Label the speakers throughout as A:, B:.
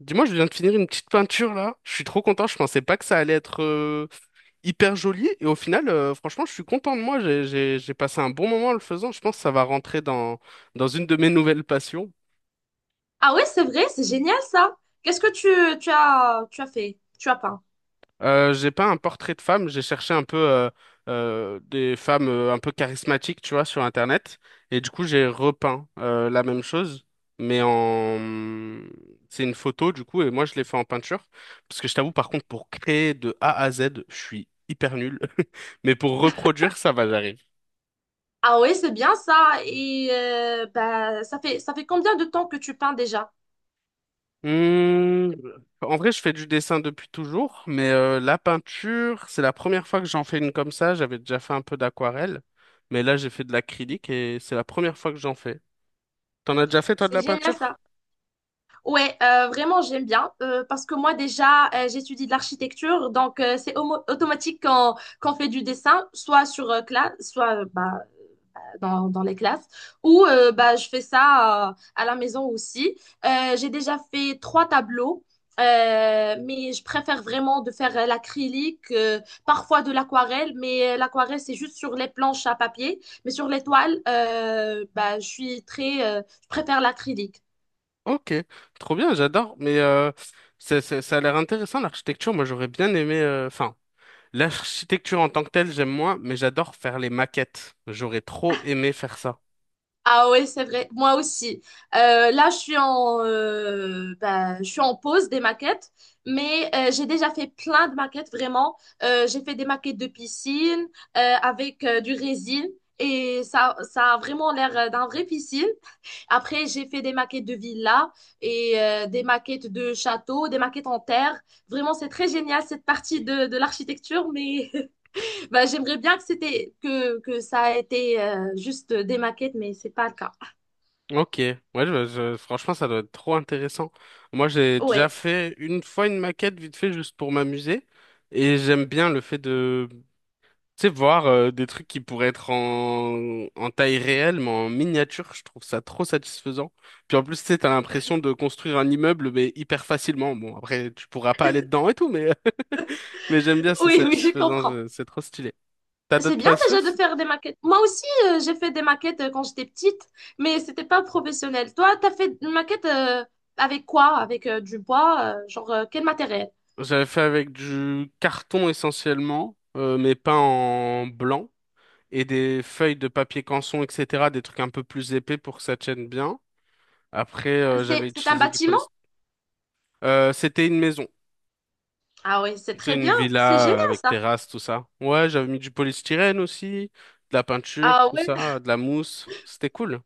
A: Dis-moi, je viens de finir une petite peinture là. Je suis trop content. Je pensais pas que ça allait être hyper joli. Et au final, franchement, je suis content de moi. J'ai passé un bon moment en le faisant. Je pense que ça va rentrer dans une de mes nouvelles passions.
B: Ah ouais, c'est vrai, c'est génial ça. Qu'est-ce que tu as fait? Tu as peint.
A: J'ai pas un portrait de femme, j'ai cherché un peu des femmes un peu charismatiques, tu vois, sur Internet. Et du coup, j'ai repeint la même chose, mais en... C'est une photo, du coup, et moi, je l'ai fait en peinture. Parce que je t'avoue, par contre, pour créer de A à Z, je suis hyper nul. Mais pour reproduire, ça va, j'arrive.
B: Ah ouais, c'est bien ça. Et bah, ça fait combien de temps que tu peins déjà?
A: Hum, en vrai, je fais du dessin depuis toujours, mais la peinture, c'est la première fois que j'en fais une comme ça. J'avais déjà fait un peu d'aquarelle, mais là, j'ai fait de l'acrylique et c'est la première fois que j'en fais. T'en as déjà fait, toi, de
B: C'est
A: la
B: génial
A: peinture?
B: ça. Ouais, vraiment j'aime bien parce que moi déjà j'étudie de l'architecture donc c'est automatique quand qu'on fait du dessin soit sur classe soit bah, dans les classes. Ou bah, je fais ça à la maison aussi. J'ai déjà fait trois tableaux. Mais je préfère vraiment de faire l'acrylique, parfois de l'aquarelle, mais l'aquarelle, c'est juste sur les planches à papier. Mais sur les toiles, bah, je suis très, je préfère l'acrylique.
A: Ok, trop bien, j'adore. Mais ça a l'air intéressant, l'architecture. Moi, j'aurais bien aimé... Enfin, l'architecture en tant que telle, j'aime moins, mais j'adore faire les maquettes. J'aurais trop aimé faire ça.
B: Ah ouais, c'est vrai. Moi aussi. Là, bah, je suis en pause des maquettes, mais j'ai déjà fait plein de maquettes, vraiment. J'ai fait des maquettes de piscine avec du résine. Et ça a vraiment l'air d'un vrai piscine. Après, j'ai fait des maquettes de villas et des maquettes de châteaux, des maquettes en terre. Vraiment, c'est très génial cette partie de l'architecture, mais bah, j'aimerais bien que ça a été juste des maquettes, mais c'est pas le cas.
A: Ok, ouais, franchement, ça doit être trop intéressant. Moi, j'ai déjà
B: Ouais,
A: fait une fois une maquette vite fait juste pour m'amuser, et j'aime bien le fait de, tu sais, voir des trucs qui pourraient être en taille réelle, mais en miniature. Je trouve ça trop satisfaisant. Puis en plus, tu sais, t'as l'impression de construire un immeuble, mais hyper facilement. Bon, après, tu pourras pas aller dedans et tout, mais mais j'aime bien, c'est
B: oui, oui, je
A: satisfaisant,
B: comprends.
A: c'est trop stylé. T'as
B: C'est
A: d'autres
B: bien
A: passions?
B: déjà de faire des maquettes. Moi aussi, j'ai fait des maquettes quand j'étais petite, mais c'était pas professionnel. Toi, t'as fait une maquette avec quoi? Avec du bois, genre quel matériel?
A: J'avais fait avec du carton essentiellement, mais peint en blanc, et des feuilles de papier canson, etc., des trucs un peu plus épais pour que ça tienne bien. Après,
B: C'est,
A: j'avais
B: c'est un
A: utilisé du
B: bâtiment?
A: polystyrène. C'était une maison,
B: Ah oui, c'est
A: c'était
B: très
A: une
B: bien. C'est génial
A: villa avec
B: ça.
A: terrasse, tout ça. Ouais, j'avais mis du polystyrène aussi, de la peinture,
B: Ah
A: tout
B: ouais,
A: ça, de la mousse. C'était cool.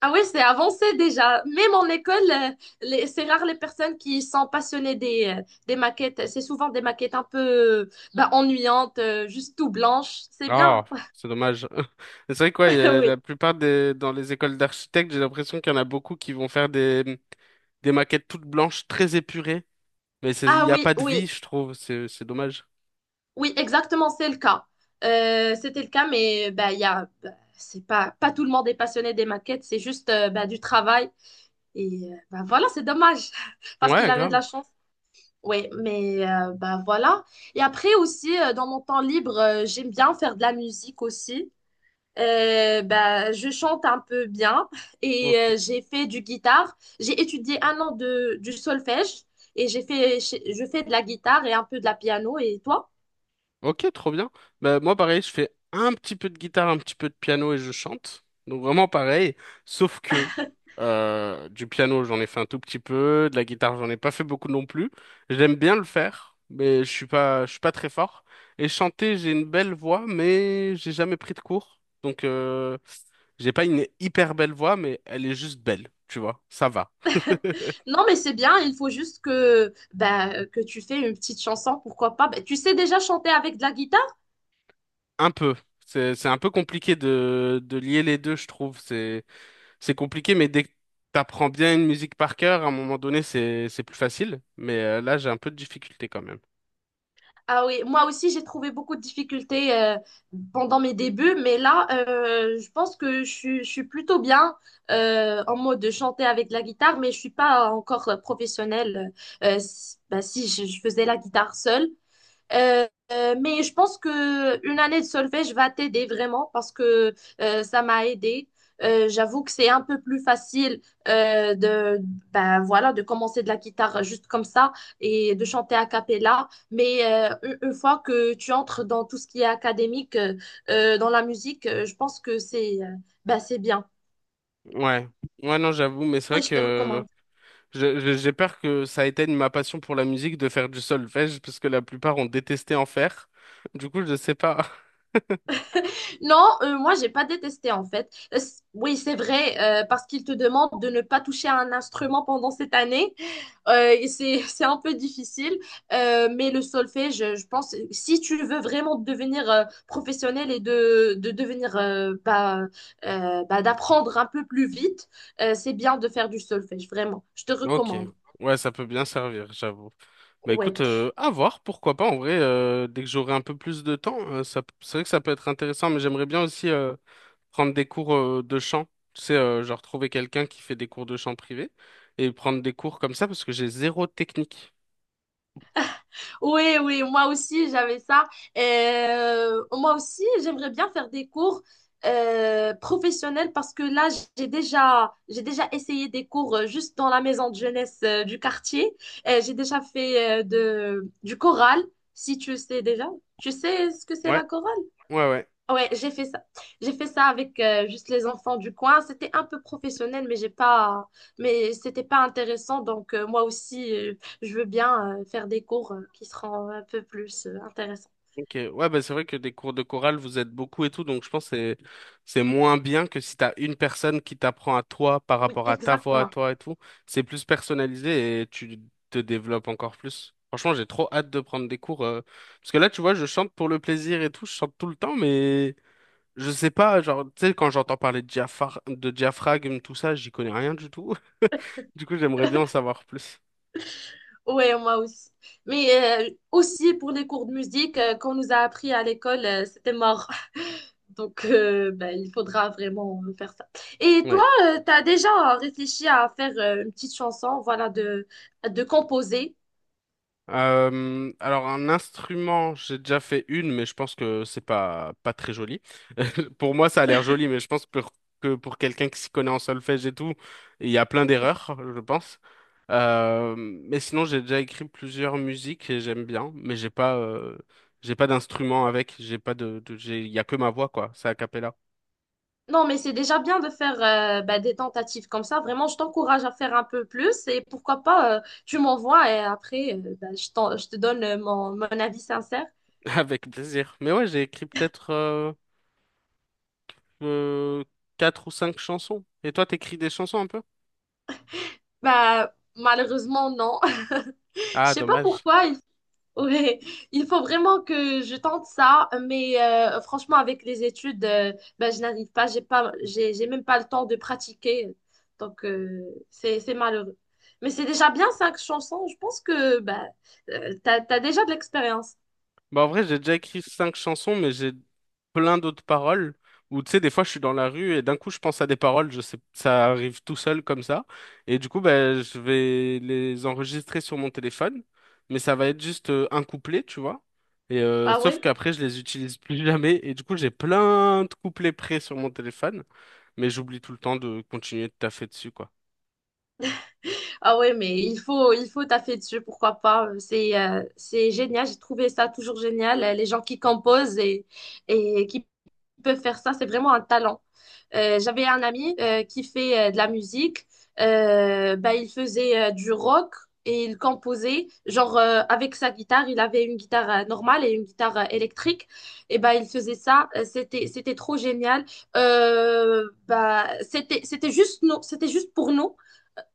B: ah ouais, c'est avancé déjà. Même en école, c'est rare les personnes qui sont passionnées des maquettes. C'est souvent des maquettes un peu bah, ennuyantes, juste tout blanches. C'est
A: Ah,
B: bien.
A: c'est dommage. C'est vrai quoi, il y a
B: Oui.
A: la plupart des dans les écoles d'architectes, j'ai l'impression qu'il y en a beaucoup qui vont faire des maquettes toutes blanches, très épurées, mais il
B: Ah
A: n'y a
B: oui,
A: pas de
B: oui.
A: vie, je trouve. C'est dommage.
B: Oui, exactement, c'est le cas. C'était le cas, mais bah, bah, c'est pas tout le monde est passionné des maquettes, c'est juste bah, du travail. Et bah, voilà, c'est dommage, parce qu'il
A: Ouais,
B: avait de la
A: grave.
B: chance. Oui, mais bah, voilà. Et après aussi, dans mon temps libre, j'aime bien faire de la musique aussi. Bah, je chante un peu bien et
A: Ok.
B: j'ai fait du guitare. J'ai étudié un an du solfège et je fais de la guitare et un peu de la piano. Et toi?
A: Ok, trop bien. Bah, moi, pareil, je fais un petit peu de guitare, un petit peu de piano et je chante. Donc, vraiment pareil. Sauf que du piano, j'en ai fait un tout petit peu. De la guitare, j'en ai pas fait beaucoup non plus. J'aime bien le faire, mais je suis pas très fort. Et chanter, j'ai une belle voix, mais j'ai jamais pris de cours. Donc, j'ai pas une hyper belle voix, mais elle est juste belle. Tu vois, ça va.
B: Non, mais c'est bien, il faut juste que, bah, que tu fais une petite chanson, pourquoi pas. Bah, tu sais déjà chanter avec de la guitare?
A: Un peu. C'est un peu compliqué de lier les deux, je trouve. C'est compliqué, mais dès que t'apprends bien une musique par cœur, à un moment donné, c'est plus facile. Mais là, j'ai un peu de difficulté quand même.
B: Ah oui, moi aussi j'ai trouvé beaucoup de difficultés pendant mes débuts, mais là je pense que je suis plutôt bien en mode de chanter avec la guitare, mais je suis pas encore professionnelle. Si, bah, si je faisais la guitare seule, Euh, mais je pense que une année de solfège va t'aider vraiment parce que ça m'a aidé. J'avoue que c'est un peu plus facile de ben voilà de commencer de la guitare juste comme ça et de chanter a cappella. Mais une fois que tu entres dans tout ce qui est académique dans la musique, je pense que c'est ben, c'est bien.
A: Ouais. Ouais, non, j'avoue, mais c'est
B: Moi,
A: vrai
B: je te
A: que
B: recommande.
A: j'ai peur que ça éteigne ma passion pour la musique de faire du solfège, parce que la plupart ont détesté en faire. Du coup, je sais pas.
B: Non, moi, j'ai pas détesté en fait. Oui, c'est vrai, parce qu'il te demande de ne pas toucher à un instrument pendant cette année. Et c'est, c'est un peu difficile. Mais le solfège, je pense, si tu veux vraiment devenir professionnel et de devenir, d'apprendre un peu plus vite, c'est bien de faire du solfège, vraiment. Je te
A: Ok.
B: recommande.
A: Ouais, ça peut bien servir, j'avoue. Bah écoute,
B: Ouais.
A: à voir, pourquoi pas. En vrai, dès que j'aurai un peu plus de temps, ça, c'est vrai que ça peut être intéressant, mais j'aimerais bien aussi prendre des cours de chant. Tu sais, genre trouver quelqu'un qui fait des cours de chant privé et prendre des cours comme ça parce que j'ai zéro technique.
B: Oui, oui, moi aussi, j'avais ça. Moi aussi, j'aimerais bien faire des cours professionnels parce que là, j'ai déjà essayé des cours juste dans la maison de jeunesse du quartier. J'ai déjà fait du choral, si tu sais déjà. Tu sais ce que c'est
A: Ouais,
B: la chorale?
A: ouais, ouais.
B: Ouais, j'ai fait ça. J'ai fait ça avec juste les enfants du coin. C'était un peu professionnel, mais c'était pas intéressant. Donc moi aussi, je veux bien faire des cours qui seront un peu plus intéressants.
A: Ok, ouais, bah c'est vrai que des cours de chorale, vous êtes beaucoup et tout, donc je pense que c'est moins bien que si t'as une personne qui t'apprend à toi par
B: Oui,
A: rapport à ta voix à
B: exactement.
A: toi et tout. C'est plus personnalisé et tu te développes encore plus. Franchement, j'ai trop hâte de prendre des cours parce que là, tu vois, je chante pour le plaisir et tout, je chante tout le temps, mais je sais pas, genre, tu sais, quand j'entends parler de de diaphragme, tout ça, j'y connais rien du tout. Du coup, j'aimerais bien en savoir plus.
B: Ouais, moi aussi. Mais aussi pour les cours de musique qu'on nous a appris à l'école, c'était mort. Donc ben, il faudra vraiment faire ça. Et toi,
A: Ouais.
B: tu as déjà réfléchi à faire une petite chanson, voilà, de composer.
A: Alors un instrument, j'ai déjà fait une, mais je pense que c'est pas pas très joli. Pour moi, ça a l'air joli, mais je pense que pour quelqu'un qui s'y connaît en solfège et tout, il y a plein d'erreurs, je pense. Mais sinon, j'ai déjà écrit plusieurs musiques et j'aime bien, mais j'ai pas d'instrument avec, j'ai pas de, de- j'ai il y a que ma voix quoi, c'est a cappella.
B: Non, mais c'est déjà bien de faire bah, des tentatives comme ça. Vraiment, je t'encourage à faire un peu plus et pourquoi pas, tu m'envoies et après, bah, je te donne mon avis sincère.
A: Avec plaisir. Mais ouais, j'ai écrit peut-être euh, quatre ou cinq chansons. Et toi, t'écris des chansons un peu?
B: Bah, malheureusement, non. Je
A: Ah,
B: sais pas
A: dommage.
B: pourquoi. Ouais, il faut vraiment que je tente ça, mais franchement, avec les études, ben, je n'arrive pas, j'ai même pas le temps de pratiquer. Donc, c'est malheureux. Mais c'est déjà bien cinq chansons. Je pense que bah t'as déjà de l'expérience.
A: Bah, en vrai, j'ai déjà écrit cinq chansons, mais j'ai plein d'autres paroles où, tu sais, des fois, je suis dans la rue et d'un coup, je pense à des paroles, je sais, ça arrive tout seul comme ça. Et du coup, bah, je vais les enregistrer sur mon téléphone, mais ça va être juste un couplet, tu vois. Et
B: Ah
A: sauf
B: ouais?
A: qu'après, je les utilise plus jamais. Et du coup, j'ai plein de couplets prêts sur mon téléphone, mais j'oublie tout le temps de continuer de taffer dessus, quoi.
B: Ah ouais, mais il faut taffer dessus, pourquoi pas. C'est génial, j'ai trouvé ça toujours génial. Les gens qui composent et qui peuvent faire ça, c'est vraiment un talent. J'avais un ami qui fait de la musique. Bah, il faisait du rock et il composait, genre avec sa guitare. Il avait une guitare normale et une guitare électrique. Et bah, il faisait ça. C'était trop génial. Bah, c'était juste nous, c'était juste pour nous.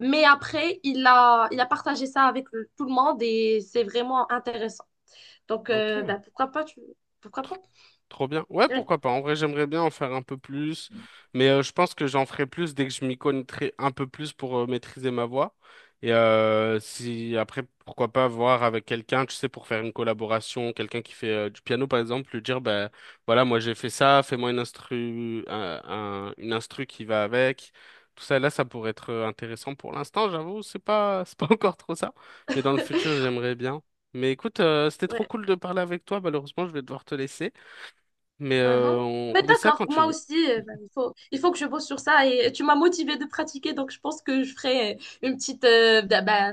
B: Mais après, il a partagé ça avec tout le monde et c'est vraiment intéressant. Donc,
A: Ok.
B: bah, pourquoi pas, pourquoi pas?
A: Trop bien. Ouais,
B: Ouais,
A: pourquoi pas. En vrai, j'aimerais bien en faire un peu plus, mais je pense que j'en ferai plus dès que je m'y connaîtrai un peu plus pour maîtriser ma voix. Et si après, pourquoi pas voir avec quelqu'un, tu sais, pour faire une collaboration, quelqu'un qui fait du piano par exemple, lui dire, ben voilà, moi j'ai fait ça, fais-moi une instru, une instru qui va avec. Tout ça, là, ça pourrait être intéressant pour l'instant, j'avoue, c'est pas, c'est pas encore trop ça, mais dans le futur, j'aimerais bien. Mais écoute, c'était trop
B: ouais.
A: cool de parler avec toi. Malheureusement, je vais devoir te laisser. Mais
B: Uhum.
A: on
B: Mais
A: remet ça
B: d'accord,
A: quand tu
B: moi
A: veux.
B: aussi, bah, il faut que je bosse sur ça et tu m'as motivée de pratiquer, donc je pense que je ferai une petite, bah, bah,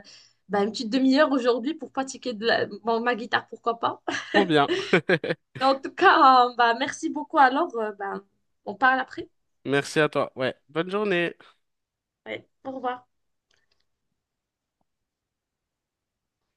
B: bah, une petite demi-heure aujourd'hui pour pratiquer bon, ma guitare, pourquoi pas.
A: Trop bien.
B: En tout cas, bah, merci beaucoup alors, bah, on parle après.
A: Merci à toi. Ouais. Bonne journée.
B: Ouais, au revoir.